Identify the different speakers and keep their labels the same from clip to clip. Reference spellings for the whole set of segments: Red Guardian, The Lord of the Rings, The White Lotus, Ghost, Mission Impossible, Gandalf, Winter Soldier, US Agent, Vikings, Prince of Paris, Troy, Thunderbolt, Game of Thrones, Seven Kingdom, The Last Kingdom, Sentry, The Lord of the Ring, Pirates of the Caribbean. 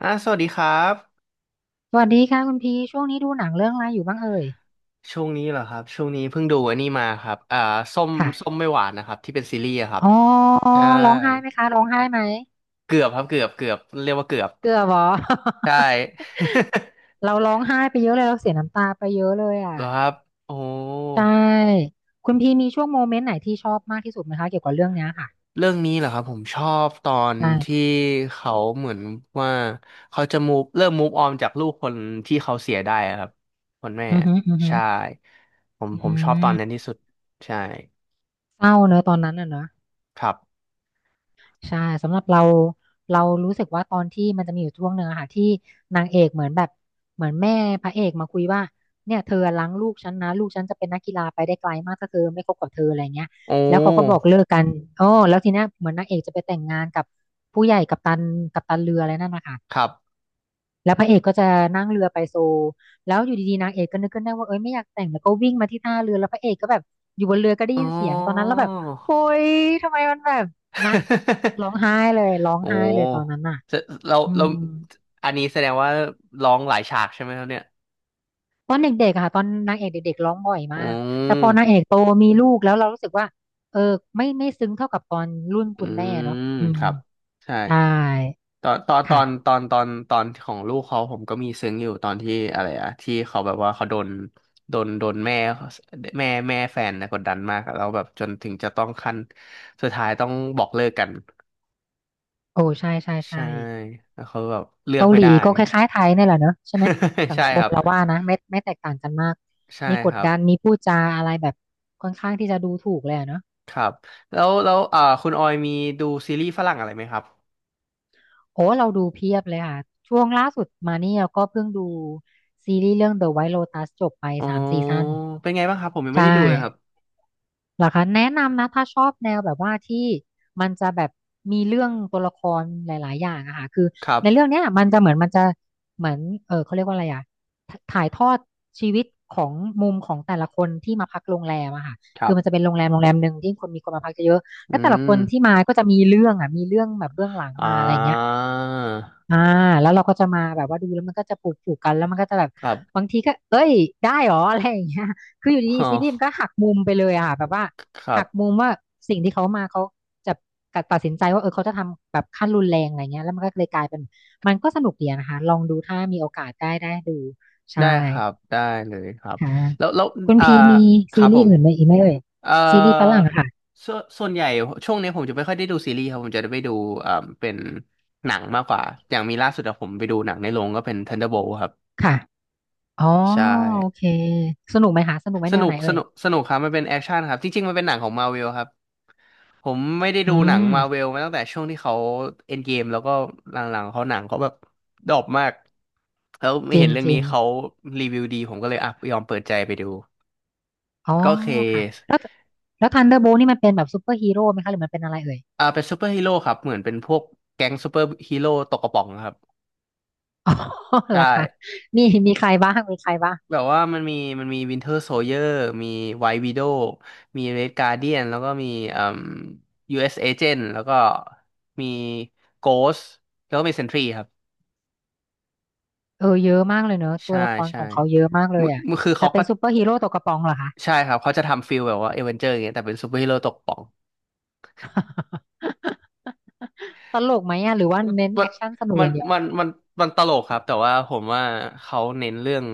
Speaker 1: สวัสดีครับ
Speaker 2: สวัสดีค่ะคุณพีช่วงนี้ดูหนังเรื่องอะไรอยู่บ้างเอ่ย
Speaker 1: ช่วงนี้เหรอครับช่วงนี้เพิ่งดูอันนี้มาครับส้มส้ม
Speaker 2: ค่ะ
Speaker 1: ไม่หวานนะครับที่เป็นซีรีส์อะครับ
Speaker 2: อ๋อ
Speaker 1: ใช่
Speaker 2: ร้องไห้ไหมคะร้องไห้ไหม
Speaker 1: เกือบครับเกือบเรียกว่าเกือบ
Speaker 2: เกือบเหรอ
Speaker 1: ใช่
Speaker 2: เราร้องไห้ไปเยอะเลยเราเสียน้ำตาไปเยอะเลยอ่ะ
Speaker 1: เหรอครับโอ้
Speaker 2: ใช่คุณพีมีช่วงโมเมนต์ไหนที่ชอบมากที่สุดไหมคะเกี่ยวกับเรื่องเนี้ยค่ะ
Speaker 1: เรื่องนี้เหรอครับผมชอบตอนที่
Speaker 2: ใช่
Speaker 1: เขาเหมือนว่าเขาจะมูฟเริ่มมูฟออนจากลูกคนที่เขาเสียได้อะครับคนแม่
Speaker 2: อือฮึอือฮึ
Speaker 1: ใช่ผม
Speaker 2: อื
Speaker 1: ผมชอบตอนนั้น
Speaker 2: ม
Speaker 1: ที่สุดใช่
Speaker 2: เศร้าเนอะตอนนั้นอ่ะเนอะ
Speaker 1: ครับ
Speaker 2: ใช่สำหรับเราเรารู้สึกว่าตอนที่มันจะมีอยู่ช่วงหนึ่งอะค่ะที่นางเอกเหมือนแบบเหมือนแม่พระเอกมาคุยว่าเนี่ยเธอล้างลูกฉันนะลูกฉันจะเป็นนักกีฬาไปได้ไกลมากถ้าเธอไม่คบกับเธออะไรเงี้ย
Speaker 1: โอ้
Speaker 2: แล้วเขาก็บอกเลิกกันโอ้แล้วทีเนี้ยเหมือนนางเอกจะไปแต่งงานกับผู้ใหญ่กัปตันกัปตันเรืออะไรนั่นนะคะ
Speaker 1: ครับ
Speaker 2: แล้วพระเอกก็จะนั่งเรือไปโซลแล้วอยู่ดีๆนางเอกก็นึกขึ้นได้ว่าเอ้ยไม่อยากแต่งแล้วก็วิ่งมาที่ท่าเรือแล้วพระเอกก็แบบอยู่บนเรือก็ได้
Speaker 1: อ๋อ
Speaker 2: ยินเสียงตอนนั้นแล้วแบบโอ้ยทำไมมันแบบนะ ร้องไห้เลยร้อง
Speaker 1: โอ้
Speaker 2: ไห้เลยตอนนั้นน่ะ
Speaker 1: จะเรา
Speaker 2: อื
Speaker 1: เรา
Speaker 2: ม
Speaker 1: อันนี้แสดงว่าร้องหลายฉากใช่ไหมครับเนี่ย
Speaker 2: ตอนเด็กๆอะค่ะตอนนางเอกเด็กๆร้องบ่อย
Speaker 1: อื
Speaker 2: มากแต่พอนางเอ
Speaker 1: ม
Speaker 2: กโตมีลูกแล้วเรารู้สึกว่าเออไม่ซึ้งเท่ากับตอนรุ่น
Speaker 1: อื
Speaker 2: คุณแม่เนาะ
Speaker 1: ม
Speaker 2: อื
Speaker 1: ค
Speaker 2: ม
Speaker 1: รับใช่
Speaker 2: ใช่
Speaker 1: ตอนตอนตอ
Speaker 2: ค่ะ
Speaker 1: นตอนตอนตอนของลูกเขาผมก็มีซึ้งอยู่ตอนที่อะไรอะที่เขาแบบว่าเขาโดนโดนแม่แม่แฟนนะกดดันมากอะแล้วแบบจนถึงจะต้องขั้นสุดท้ายต้องบอกเลิกกัน
Speaker 2: โอ้ใช่ใช่ใช่
Speaker 1: ใช่แล้วเขาแบบเลือก
Speaker 2: เกา
Speaker 1: ไม่
Speaker 2: หลี
Speaker 1: ได้
Speaker 2: ก็คล้ายๆไทยนี่แหละเนอะใช่ไหม สัง
Speaker 1: ใช่
Speaker 2: ค
Speaker 1: ค
Speaker 2: ม
Speaker 1: รับ
Speaker 2: เราว่านะไม่แตกต่างกันมาก
Speaker 1: ใช่
Speaker 2: มีก
Speaker 1: ค
Speaker 2: ด
Speaker 1: รับ
Speaker 2: ดันมีพูดจาอะไรแบบค่อนข้างที่จะดูถูกเลยอะเนอะ
Speaker 1: ครับแล้วคุณออยมีดูซีรีส์ฝรั่งอะไรไหมครับ
Speaker 2: โอ้เราดูเพียบเลยค่ะช่วงล่าสุดมานี่เราก็เพิ่งดูซีรีส์เรื่อง The White Lotus จบไป
Speaker 1: อ๋อ
Speaker 2: 3 ซีซั่น
Speaker 1: เป็นไงบ้างครับผมยังไม่
Speaker 2: ใช่
Speaker 1: ได้ดูเลยครับ
Speaker 2: เหรอคะแนะนำนะถ้าชอบแนวแบบว่าที่มันจะแบบมีเรื่องตัวละครหลายๆอย่างอะค่ะคือ
Speaker 1: ครับ
Speaker 2: ในเรื่องเนี้ยมันจะเหมือนมันจะเหมือนเออเขาเรียกว่าอะไรอะถถ่ายทอดชีวิตของมุมของแต่ละคนที่มาพักโรงแรมอะค่ะ
Speaker 1: ครั
Speaker 2: คือ
Speaker 1: บ
Speaker 2: มันจะเป็นโรงแรมโรงแรมหนึ่งที่คนมีคนมาพักเยอะๆ
Speaker 1: อื
Speaker 2: แล้วแต่ละค
Speaker 1: ม
Speaker 2: นที่มาก็จะมีเรื่องอะมีเรื่องแบบเบื้องหลัง
Speaker 1: อ่า
Speaker 2: มาอะไรอย่างเงี้ย อ่าแล้วเราก็จะมาแบบว่าดูแล้วมันก็จะปลูกปลูกกันแล้วมันก็จะแบบ
Speaker 1: ครั
Speaker 2: บา
Speaker 1: บ
Speaker 2: งทีก็เอ้ยได้หรออะไรอย่างเงี้ยคืออยู่ดี
Speaker 1: อ๋
Speaker 2: ๆซีรีส์มั
Speaker 1: อ
Speaker 2: นก็หักมุมไปเลยอ่ะแบบว่า
Speaker 1: ครั
Speaker 2: หักมุ
Speaker 1: บ
Speaker 2: มว่าสิ่งที่เขามาเขาจะตัดสินใจว่าเออเขาจะทำแบบขั้นรุนแรงอะไรเงี้ยแล้วมันก็เลยกลายเป็นมันก็สนุกดีอะนะคะลองดูถ้ามีโอกาสได้ดูใช่
Speaker 1: ได้ครับได้เลยครับ
Speaker 2: ค่ะ
Speaker 1: แล้ว
Speaker 2: คุณ
Speaker 1: อ่า
Speaker 2: พีมี
Speaker 1: ค
Speaker 2: ซี
Speaker 1: รับผ
Speaker 2: รีส์
Speaker 1: ม
Speaker 2: อื่นไหมอีกไหมเอ่ย
Speaker 1: เอ่อ
Speaker 2: ซีรีส์ฝรั่งอะค่ะ
Speaker 1: ส่วนใหญ่ช่วงนี้ผมจะไม่ค่อยได้ดูซีรีส์ครับผมจะได้ไปดูเอ่าเป็นหนังมากกว่าอย่างมีล่าสุดอะผมไปดูหนังในโรงก็เป็น Thunderbolt ครับ
Speaker 2: ค่ะอ๋อ
Speaker 1: ใช่
Speaker 2: โอเคสนุกไหมคะสนุกไหม
Speaker 1: ส
Speaker 2: แนว
Speaker 1: นุ
Speaker 2: ไห
Speaker 1: ก
Speaker 2: น
Speaker 1: ส
Speaker 2: เอ่ย
Speaker 1: นุกสนุกครับมันเป็นแอคชั่นครับจริงๆมันเป็นหนังของมา r v เวลครับผมไม่ได้
Speaker 2: อื
Speaker 1: ดูหนังมา r v เว
Speaker 2: ม
Speaker 1: ลมาตั้งแต่ช่วงที่เขาเอ็นเกมแล้วก็หลังๆเขาหนังเขาแบบดรอปมากแล้วไม่
Speaker 2: จริ
Speaker 1: เห็
Speaker 2: ง
Speaker 1: นเรื่อง
Speaker 2: จริ
Speaker 1: นี้
Speaker 2: ง
Speaker 1: เขารีวิวดีผมก็เลยอ่ะยอมเปิดใจไปดู
Speaker 2: อ๋อ
Speaker 1: ก็เค
Speaker 2: ค่ะ
Speaker 1: ส
Speaker 2: แล้วแล้วทันเดอร์โบนี่มันเป็นแบบซูเปอร์ฮีโร่ไหมคะหรือมันเป็นอะไรเอ่ย
Speaker 1: อ่าเป็นซูเปอร์ฮีโร่ครับเหมือนเป็นพวกแก๊งซูเปอร์ฮีโร่ตกกระป๋องครับ
Speaker 2: อ๋อ เหร
Speaker 1: ใช่
Speaker 2: อคะมีมีใครบ้างมีใครบ้าง
Speaker 1: แบบว่ามันมีมันมีวินเทอร์โซเยอร์มีไว i t วิโดวมีเรดการ์เดียนแล้วก็มีเอ่ม US Agent แล้วก็มีโกสแล้วก็มีเซนทรีครับ
Speaker 2: เออเยอะมากเลยเนอะตัว
Speaker 1: ใช่
Speaker 2: ละครข
Speaker 1: ใช่
Speaker 2: องเขาเยอะมากเลยอ่ะ
Speaker 1: คือ
Speaker 2: แต่
Speaker 1: เขา
Speaker 2: เป็
Speaker 1: ก็
Speaker 2: นซูเปอร์ฮีโร่ตกกระป๋องเหรอคะ
Speaker 1: ใช่ครับเขาจะทำฟิลแบบว่าเอเวนเจอร์อย่างเงี้ยแต่เป็นซูเปอร์ฮีโร่ตกป่อง
Speaker 2: ตลกไหมอ่ะหรือว่า
Speaker 1: มัน
Speaker 2: เน้นแอคชั่นสนุก
Speaker 1: มั
Speaker 2: อ
Speaker 1: น
Speaker 2: ย่างเดียว
Speaker 1: มันมันมันตลกครับแต่ว่าผมว่าเขาเน้นเรื่อง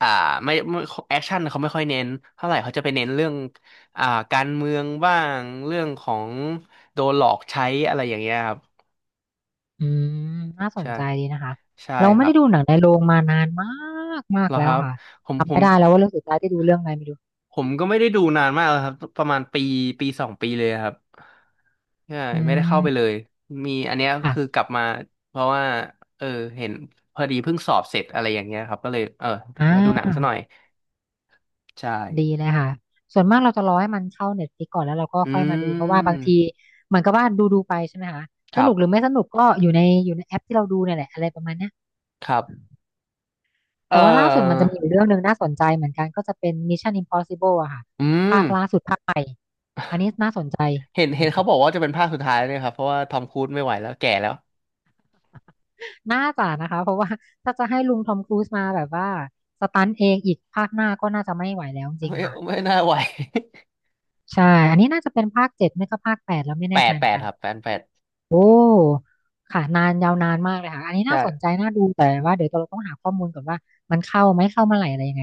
Speaker 1: อ่าไม่ไม่แอคชั่นเขาไม่ค่อยเน้นเท่าไหร่เขาจะไปเน้นเรื่องอ่าการเมืองบ้างเรื่องของโดนหลอกใช้อะไรอย่างเงี้ยครับ
Speaker 2: อืมน่าสน
Speaker 1: ใช่
Speaker 2: ใจดีนะคะ
Speaker 1: ใช่
Speaker 2: เรา
Speaker 1: ค
Speaker 2: ไม่
Speaker 1: รั
Speaker 2: ได้
Speaker 1: บ
Speaker 2: ดูหนังในโรงมานานมากมาก
Speaker 1: แล้วค
Speaker 2: แล้ว
Speaker 1: รับ
Speaker 2: ค่ะ
Speaker 1: ผมผ
Speaker 2: จำ
Speaker 1: ม
Speaker 2: ไม่ได้แล้วว่าเรื่องสุดท้ายที่ดูเรื่องอะไรไม่รู้
Speaker 1: ผมก็ไม่ได้ดูนานมากแล้วครับประมาณปีปีสองปีเลยครับใช่
Speaker 2: อื
Speaker 1: ไม่ได้เข้าไป
Speaker 2: ม
Speaker 1: เลยมีอันเนี้ย
Speaker 2: อ่ะ
Speaker 1: คือกลับมาเพราะว่าเออเห็นพอดีเพิ่งสอบเสร็จอะไรอย่างเงี้ยครับก็เลยเออ
Speaker 2: อ่
Speaker 1: มาดูหนังซะหน่อ
Speaker 2: า
Speaker 1: ยใช
Speaker 2: ดี
Speaker 1: ่
Speaker 2: เลยค่ะ ส่วนมากเราจะรอให้มันเข้าเน็ตฟลิกก่อนแล้วเราก็
Speaker 1: อื
Speaker 2: ค่อยมาดูเพราะว่าบางที
Speaker 1: ม
Speaker 2: เหมือนกับว่าดูไปใช่ไหมคะ
Speaker 1: ค
Speaker 2: ส
Speaker 1: รั
Speaker 2: นุ
Speaker 1: บ
Speaker 2: กหรือไม่สนุกก็อยู่ในอยู่ในแอปที่เราดูเนี่ยแหละอะไรประมาณเนี้ย
Speaker 1: ครับเออ
Speaker 2: แต่ว่าล่าสุดมันจะมีอยู่เรื่องหนึ่งน่าสนใจเหมือนกันก็จะเป็น Mission Impossible อะค่ะ
Speaker 1: อื
Speaker 2: ภา
Speaker 1: ม
Speaker 2: คล่าสุดภาคใหม่อันนี้น่าสนใจ
Speaker 1: เห็นเขาบอกว่าจะเป็นภาคสุดท้ายเนี่ยครับเพราะว่าทอมครูซไม่ไหวแล้วแก่แล้ว
Speaker 2: น่าจะนะคะเพราะว่าถ้าจะให้ลุงทอมครูซมาแบบว่าสตันเองอีกภาคหน้าก็น่าจะไม่ไหวแล้วจริง
Speaker 1: ไม่
Speaker 2: ๆค่ะ
Speaker 1: ไม่น่าไหว
Speaker 2: ใช่อันนี้น่าจะเป็นภาค 7ไม่ก็ภาค 8แล้วไม่
Speaker 1: แป
Speaker 2: แน่ใจ
Speaker 1: ด
Speaker 2: เห
Speaker 1: แป
Speaker 2: มือน
Speaker 1: ด
Speaker 2: กัน
Speaker 1: ครับแปดแปด
Speaker 2: โอ้ค่ะนานยาวนานมากเลยค่ะอันนี้
Speaker 1: ใช่
Speaker 2: น่าสนใจน่าดูแต่ว่าเดี๋ยวเราต้องหาข้อมูลก่อนว่ามันเข้าไหมเข้าเมื่อไหร่อะไรยังไง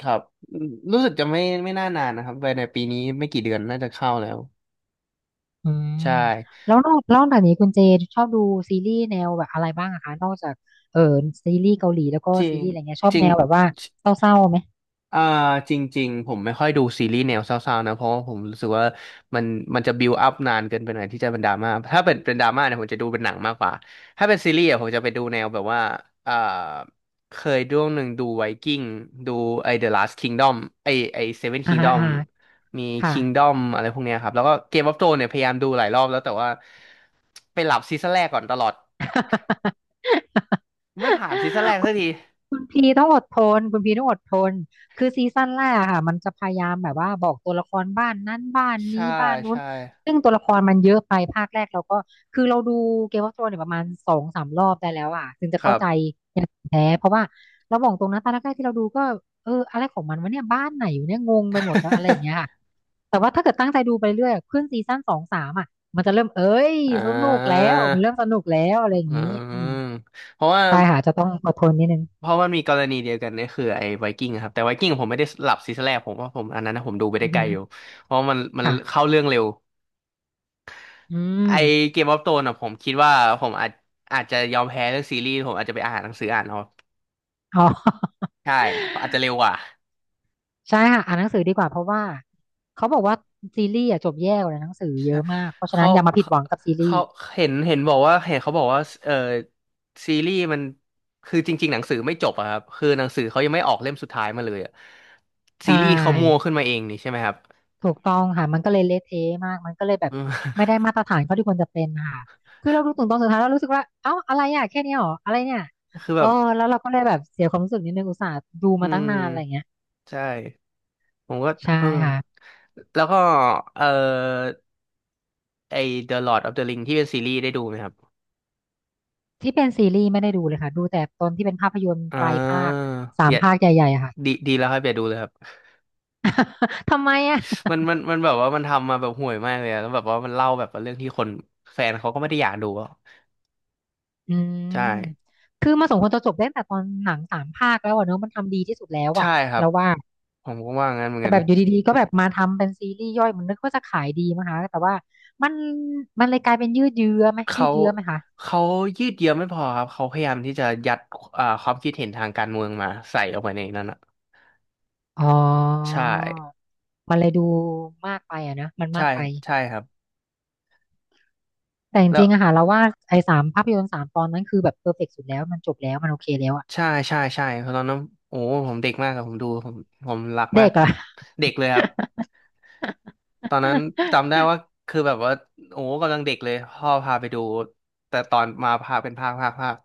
Speaker 1: ครับอืมรู้สึกจะไม่น่านานนะครับไปในปีนี้ไม่กี่เดือนน่าจะเข้าแล้ว
Speaker 2: อืม
Speaker 1: ใช่
Speaker 2: แล้วนอกจากนี้คุณเจชอบดูซีรีส์แนวแบบอะไรบ้างอะคะนอกจากเออซีรีส์เกาหลีแล้วก็
Speaker 1: จริ
Speaker 2: ซี
Speaker 1: ง
Speaker 2: รีส์อะไรเงี้ยชอ
Speaker 1: จ
Speaker 2: บ
Speaker 1: ริ
Speaker 2: แน
Speaker 1: ง
Speaker 2: วแบบว่าเศร้าๆไหม
Speaker 1: อ่าจริงๆผมไม่ค่อยดูซีรีส์แนวเศร้าๆนะเพราะว่าผมรู้สึกว่ามันมันจะบิวอัพนานเกินไปหน่อยที่จะเป็นดราม่าถ้าเป็นดราม่าเนี่ยผมจะดูเป็นหนังมากกว่าถ้าเป็นซีรีส์อะผมจะไปดูแนวแบบว่าอ่าเคยดูหนึ่งดูไวกิ้งดูไอ The Last Kingdom ไอ้ไอ Seven
Speaker 2: อ่าฮะ
Speaker 1: Kingdom
Speaker 2: อ่าฮะ
Speaker 1: มี
Speaker 2: ค่ะ
Speaker 1: Kingdom อะไรพวกเนี้ยครับแล้วก็ Game of Thrones เนี่ยพยายามดูหลายรอบแล้วแต่ว่าไปหลับซีซั่นแรกก่อนตลอดไม่ผ่านซีซั่น แรกสักที
Speaker 2: คุณพีต้องอดทนคุณพีต้องอดทนคือซีซั่นแรกอะค่ะมันจะพยายามแบบว่าบอกตัวละครบ้านนั้นบ้านนี้
Speaker 1: ใช่
Speaker 2: บ้านนู้น
Speaker 1: ใช่
Speaker 2: ซึ่งตัวละครมันเยอะไปภาคแรกเราก็คือเราดูเกม e อ f โ h r o n e s เนี่ยประมาณสองสามรอบได้แล้วอ่ะถึงจะ
Speaker 1: ค
Speaker 2: เข้า
Speaker 1: รับ
Speaker 2: ใจอย่างแท้เพราะว่าเราบอกตรงนะตอนแรกๆที่เราดูก็เอออะไรของมันวะเนี่ยบ้านไหนอยู่เนี่ยงงไปหมดแล้วอะไรอย่างเงี้ย ค่ะแต่ว่าถ้าเกิดตั้งใจดูไปเรื่อยอะขึ้นซีซั่นสองสามอ่ะมันจะเริ่มเอ้ย
Speaker 1: อ่
Speaker 2: สนุกแล้
Speaker 1: า
Speaker 2: วมันเริ่มสนุกแล้วอะไรอย่า
Speaker 1: อื
Speaker 2: งงี้อืม
Speaker 1: มเพราะว่า
Speaker 2: ใช่ค่ะจะต้องอดทนนิดนึง
Speaker 1: เพราะมันมีกรณีเดียวกันเนี่ยคือไอ้ไวกิ้งครับแต่ไวกิ้งผมไม่ได้หลับซีซั่นแรกผมว่าผมอันนั้นนะผมดูไปได้
Speaker 2: อือ
Speaker 1: ไก
Speaker 2: หื
Speaker 1: ล
Speaker 2: อ
Speaker 1: อยู่เพราะมัน
Speaker 2: ค่ะ
Speaker 1: เข้าเรื่องเร็ว
Speaker 2: อื
Speaker 1: ไอ
Speaker 2: ม
Speaker 1: เกมออฟโธนอ่ะผมคิดว่าผมอาจจะยอมแพ้เรื่องซีรีส์ผมอาจจะไปอ่านหนังสืออ่านเอา
Speaker 2: อ๋อ
Speaker 1: ใช่อาจจะเร็วกว่า
Speaker 2: ใช่ค่ะอ่านหนังสือดีกว่าเพราะว่าเขาบอกว่าซีรีส์อะจบแย่กว่าหนังสือเยอะมากเพราะฉะนั้
Speaker 1: เขา
Speaker 2: นอย่ามาผิด
Speaker 1: เขา
Speaker 2: หวังกับซีรี
Speaker 1: เขา
Speaker 2: ส์
Speaker 1: เห็นบอกว่าเห็นเขาบอกว่าเออซีรีส์มันคือจริงๆหนังสือไม่จบอะครับ คือหนังสือเขายังไม่ออกเล่มสุดท้ายมาเลยอะ
Speaker 2: ใช
Speaker 1: ซีรีส์เขามัว
Speaker 2: ่
Speaker 1: ขึ้นมาเองนี่ใช่ไหมครับ
Speaker 2: ถูกต้องค่ะมันก็เลยเละเทะมาก มันก็เลยแบบ
Speaker 1: อืม
Speaker 2: ไม่ได้มาตรฐานเขาที่ควรจะเป็นค่ะคือเราดูถึงตอนสุดท้ายเรารู้สึกว่าเอ้าอะไรอ่ะแค่เนี้ยเหรออะไรเนี่ย
Speaker 1: คือ
Speaker 2: เอ
Speaker 1: แบ
Speaker 2: อ
Speaker 1: บ
Speaker 2: แล้วเราก็เลยแบบเสียความรู้สึกนิดนึงอุตส่าห์ดู
Speaker 1: อื
Speaker 2: มาตั้งนานอะไรเงี้
Speaker 1: ม
Speaker 2: ย
Speaker 1: ใช่ ผมก็
Speaker 2: ใช่
Speaker 1: เออ
Speaker 2: ค่ะ
Speaker 1: แล้วก็เออไอ The Lord of the Ring ที่เป็นซีรีส์ได้ดูไหมครับ
Speaker 2: ที่เป็นซีรีส์ไม่ได้ดูเลยค่ะดูแต่ตอนที่เป็นภาพยนตร์
Speaker 1: อ่
Speaker 2: ไตรภา
Speaker 1: า
Speaker 2: คสา
Speaker 1: อ
Speaker 2: ม
Speaker 1: ย่า
Speaker 2: ภาคใหญ่ๆอะค่ะ
Speaker 1: ดี ดีแล้วครับอย่าดูเลยครับ
Speaker 2: ทำไมอะ
Speaker 1: มันแบบว่ามันทำมาแบบห่วยมากเลยอะแล้วแบบว่ามันเล่าแบบว่าเรื่องที่คนแฟนเขาก็ไม่ได้อยากดูอะ
Speaker 2: อื
Speaker 1: ใช่
Speaker 2: ม คือมาสมควรจะจบได้ตั้งแต่ตอนหนังสามภาคแล้วอะเนอะมันทำดีที่สุดแล้ว
Speaker 1: ใช่
Speaker 2: อะ
Speaker 1: ครับ
Speaker 2: เราว่า
Speaker 1: ผมก็ว่างั้นเหมือน
Speaker 2: แต่
Speaker 1: กัน
Speaker 2: แบบอยู่ดีๆก็แบบมาทำเป็นซีรีส์ย่อยมันนึกว่าจะขายดีมั้งคะแต่ว่ามันเลยกลายเป็นยืดเยื้อไหมยื
Speaker 1: เขา
Speaker 2: ดเยื้อไหมคะ
Speaker 1: เขายืดเยื้อไม่พอครับเขาพยายามที่จะยัดความคิดเห็นทางการเมืองมาใส่ออกไปในนั้นอ่ะ
Speaker 2: อ๋
Speaker 1: ใช่
Speaker 2: อมันเลยดูมากไปอะนะมัน
Speaker 1: ใช่
Speaker 2: มากไป
Speaker 1: ใช่ครับ
Speaker 2: แต่จ
Speaker 1: แล้ว
Speaker 2: ริงๆอะค่ะเราว่าไอ้สามภาพยนตร์สามตอนนั้นคือแบบเพอร์เฟกต์สุดแล้วมันจบแล้วมันโอเคแล้วอะ
Speaker 1: ใช่ใช่ ใช่เพราะตอนนั้นโอ้ผมเด็กมากครับผมดู ผมรักมา
Speaker 2: เด็
Speaker 1: ก
Speaker 2: กอะ
Speaker 1: เด็กเลยครับ ตอนนั้นจำได้ว่าคือแบบว่าโอ้กำลังเด็กเลยพ่อพาไปดูแต่ตอนมาพาเป็นภาค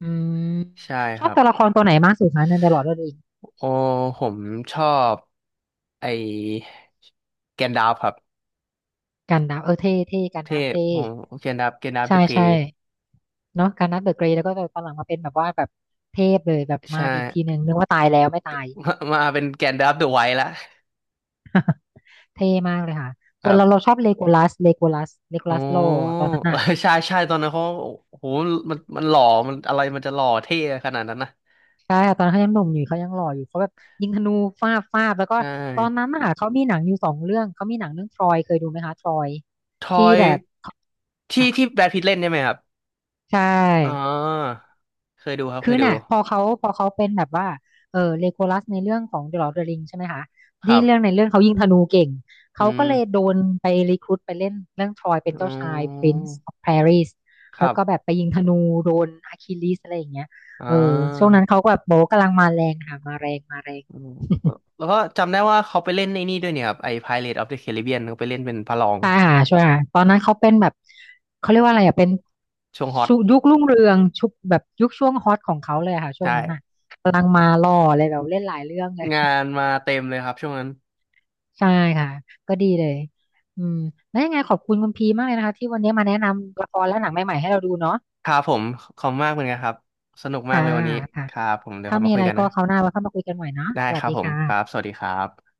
Speaker 2: อืม
Speaker 1: ใช่
Speaker 2: ช
Speaker 1: ค
Speaker 2: อบ
Speaker 1: รับ
Speaker 2: ตัวละครตัวไหนมากสุดคะในตดอะลอร์ดเร
Speaker 1: โอ้ผมชอบไอแกนดาฟครับ
Speaker 2: กันดั้มเออเท่เท่กันดั้
Speaker 1: เท่
Speaker 2: มเท่
Speaker 1: ผมแกนดาฟเด
Speaker 2: ใช่
Speaker 1: อะเก
Speaker 2: ใช่
Speaker 1: ย์
Speaker 2: เนาะกันดั้มเดอะเกรย์แล้วก็แบบตอนหลังมาเป็นแบบว่าแบบเทพเลยแบบมา
Speaker 1: ใช่
Speaker 2: อีกทีหนึ่งนึกว่าตายแล้วไม่ตาย
Speaker 1: มาเป็นแกนดาฟเดอะไวท์ละ
Speaker 2: เท่มากเลยค่ะ
Speaker 1: ค
Speaker 2: ส่ว
Speaker 1: รั
Speaker 2: นเราเรา
Speaker 1: บ
Speaker 2: ชอบเลโกลัสเลโกลัสเลโก
Speaker 1: โอ้
Speaker 2: ลัสโลตอนนั้น
Speaker 1: เออ
Speaker 2: อ่ะ
Speaker 1: ใช่ใช่ตอนนั้นเขาโอ้โหมันหล่อมันอะไรมันจะหล่อเท่ขนาดนั้นนะ
Speaker 2: ใช่ค่ะตอนนนเขายังหนุ่มอยู่เขายังหล่ออยู่เขาแบบยิงธนูฟาดฟาดแล้วก็
Speaker 1: ใช
Speaker 2: ตอนนั้
Speaker 1: ่
Speaker 2: นน่ะเขามีหนังอยู่สองเรื่องเขามีหนังเรื่องทรอยเคยดูไหมคะทรอย
Speaker 1: ท
Speaker 2: ที่
Speaker 1: อย
Speaker 2: แบบ
Speaker 1: ที่
Speaker 2: ค่ะ
Speaker 1: แบทพิทเล่นใช่ไหมครับ
Speaker 2: ใช่
Speaker 1: อ๋อเคยดูครับเค
Speaker 2: คือ
Speaker 1: ยดู
Speaker 2: น่ะพอเขาเป็นแบบว่าเออเลโกลัสในเรื่องของ The Lord of the Ring ใช่ไหมคะ
Speaker 1: ค
Speaker 2: ที่
Speaker 1: รั
Speaker 2: ง
Speaker 1: บ
Speaker 2: เรื่องในเรื่องเขายิงธนูเก่ง
Speaker 1: อื
Speaker 2: เขาก็เลย
Speaker 1: ม
Speaker 2: โดนไปรีครูทไปเล่นเรื่องทรอยเป็น
Speaker 1: อ๋
Speaker 2: เจ้าชาย
Speaker 1: อ
Speaker 2: Prince of Paris
Speaker 1: ค
Speaker 2: แล้
Speaker 1: รั
Speaker 2: วก็แบ
Speaker 1: บ
Speaker 2: บไปยิงธนูโดนอะคิลิสอะไรอย่างเงี้ย
Speaker 1: อ่า
Speaker 2: เออช่วงนั้นเขาก็แบบโบะกำลังมาแรงค่ะมาแรงมาแรง
Speaker 1: อืม แล้วก็จำได้ว่าเขาไปเล่นไอ้นี่ด้วยเนี่ยครับไอ้ p i r a t e of the Caribbean เขาไปเล่นเป็นพระรอง
Speaker 2: ใช่ค่ะใช่ค่ะตอนนั้นเขาเป็นแบบเขาเรียกว่าอะไรอ่ะเป็น
Speaker 1: ช่วงฮอต
Speaker 2: ชุยุครุ่งเรืองชุบแบบยุคช่วงฮอตของเขาเลยอะค่ะช่วงนั้นอ่ะ
Speaker 1: ใช่
Speaker 2: กำลังมาล่อเลยแบบเล่นหลายเรื่องเลย
Speaker 1: งานมาเต็มเลยครับช่วงนั้น
Speaker 2: ใช่ค่ะก็ดีเลยอืมแล้วยังไงขอบคุณคุณพีมากเลยนะคะที่วันนี้มาแนะนำละครและหนังใหม่ๆให้เราดูเนาะ
Speaker 1: ครับผมขอบคุณมากเหมือนกันครับสนุกมาก
Speaker 2: ค่ะ
Speaker 1: เลยวันนี้
Speaker 2: ค่ะ
Speaker 1: ครับผมเดี๋ยว
Speaker 2: ถ้า
Speaker 1: เรา
Speaker 2: มี
Speaker 1: มาคุ
Speaker 2: อะ
Speaker 1: ย
Speaker 2: ไร
Speaker 1: กัน
Speaker 2: ก็
Speaker 1: นะ
Speaker 2: คราวหน้าเราค่อยมาคุยกันใหม่เนาะ
Speaker 1: ได้
Speaker 2: สวั
Speaker 1: ค
Speaker 2: ส
Speaker 1: รับ
Speaker 2: ดี
Speaker 1: ผมครับส
Speaker 2: ค่ะ
Speaker 1: วัสดีครับ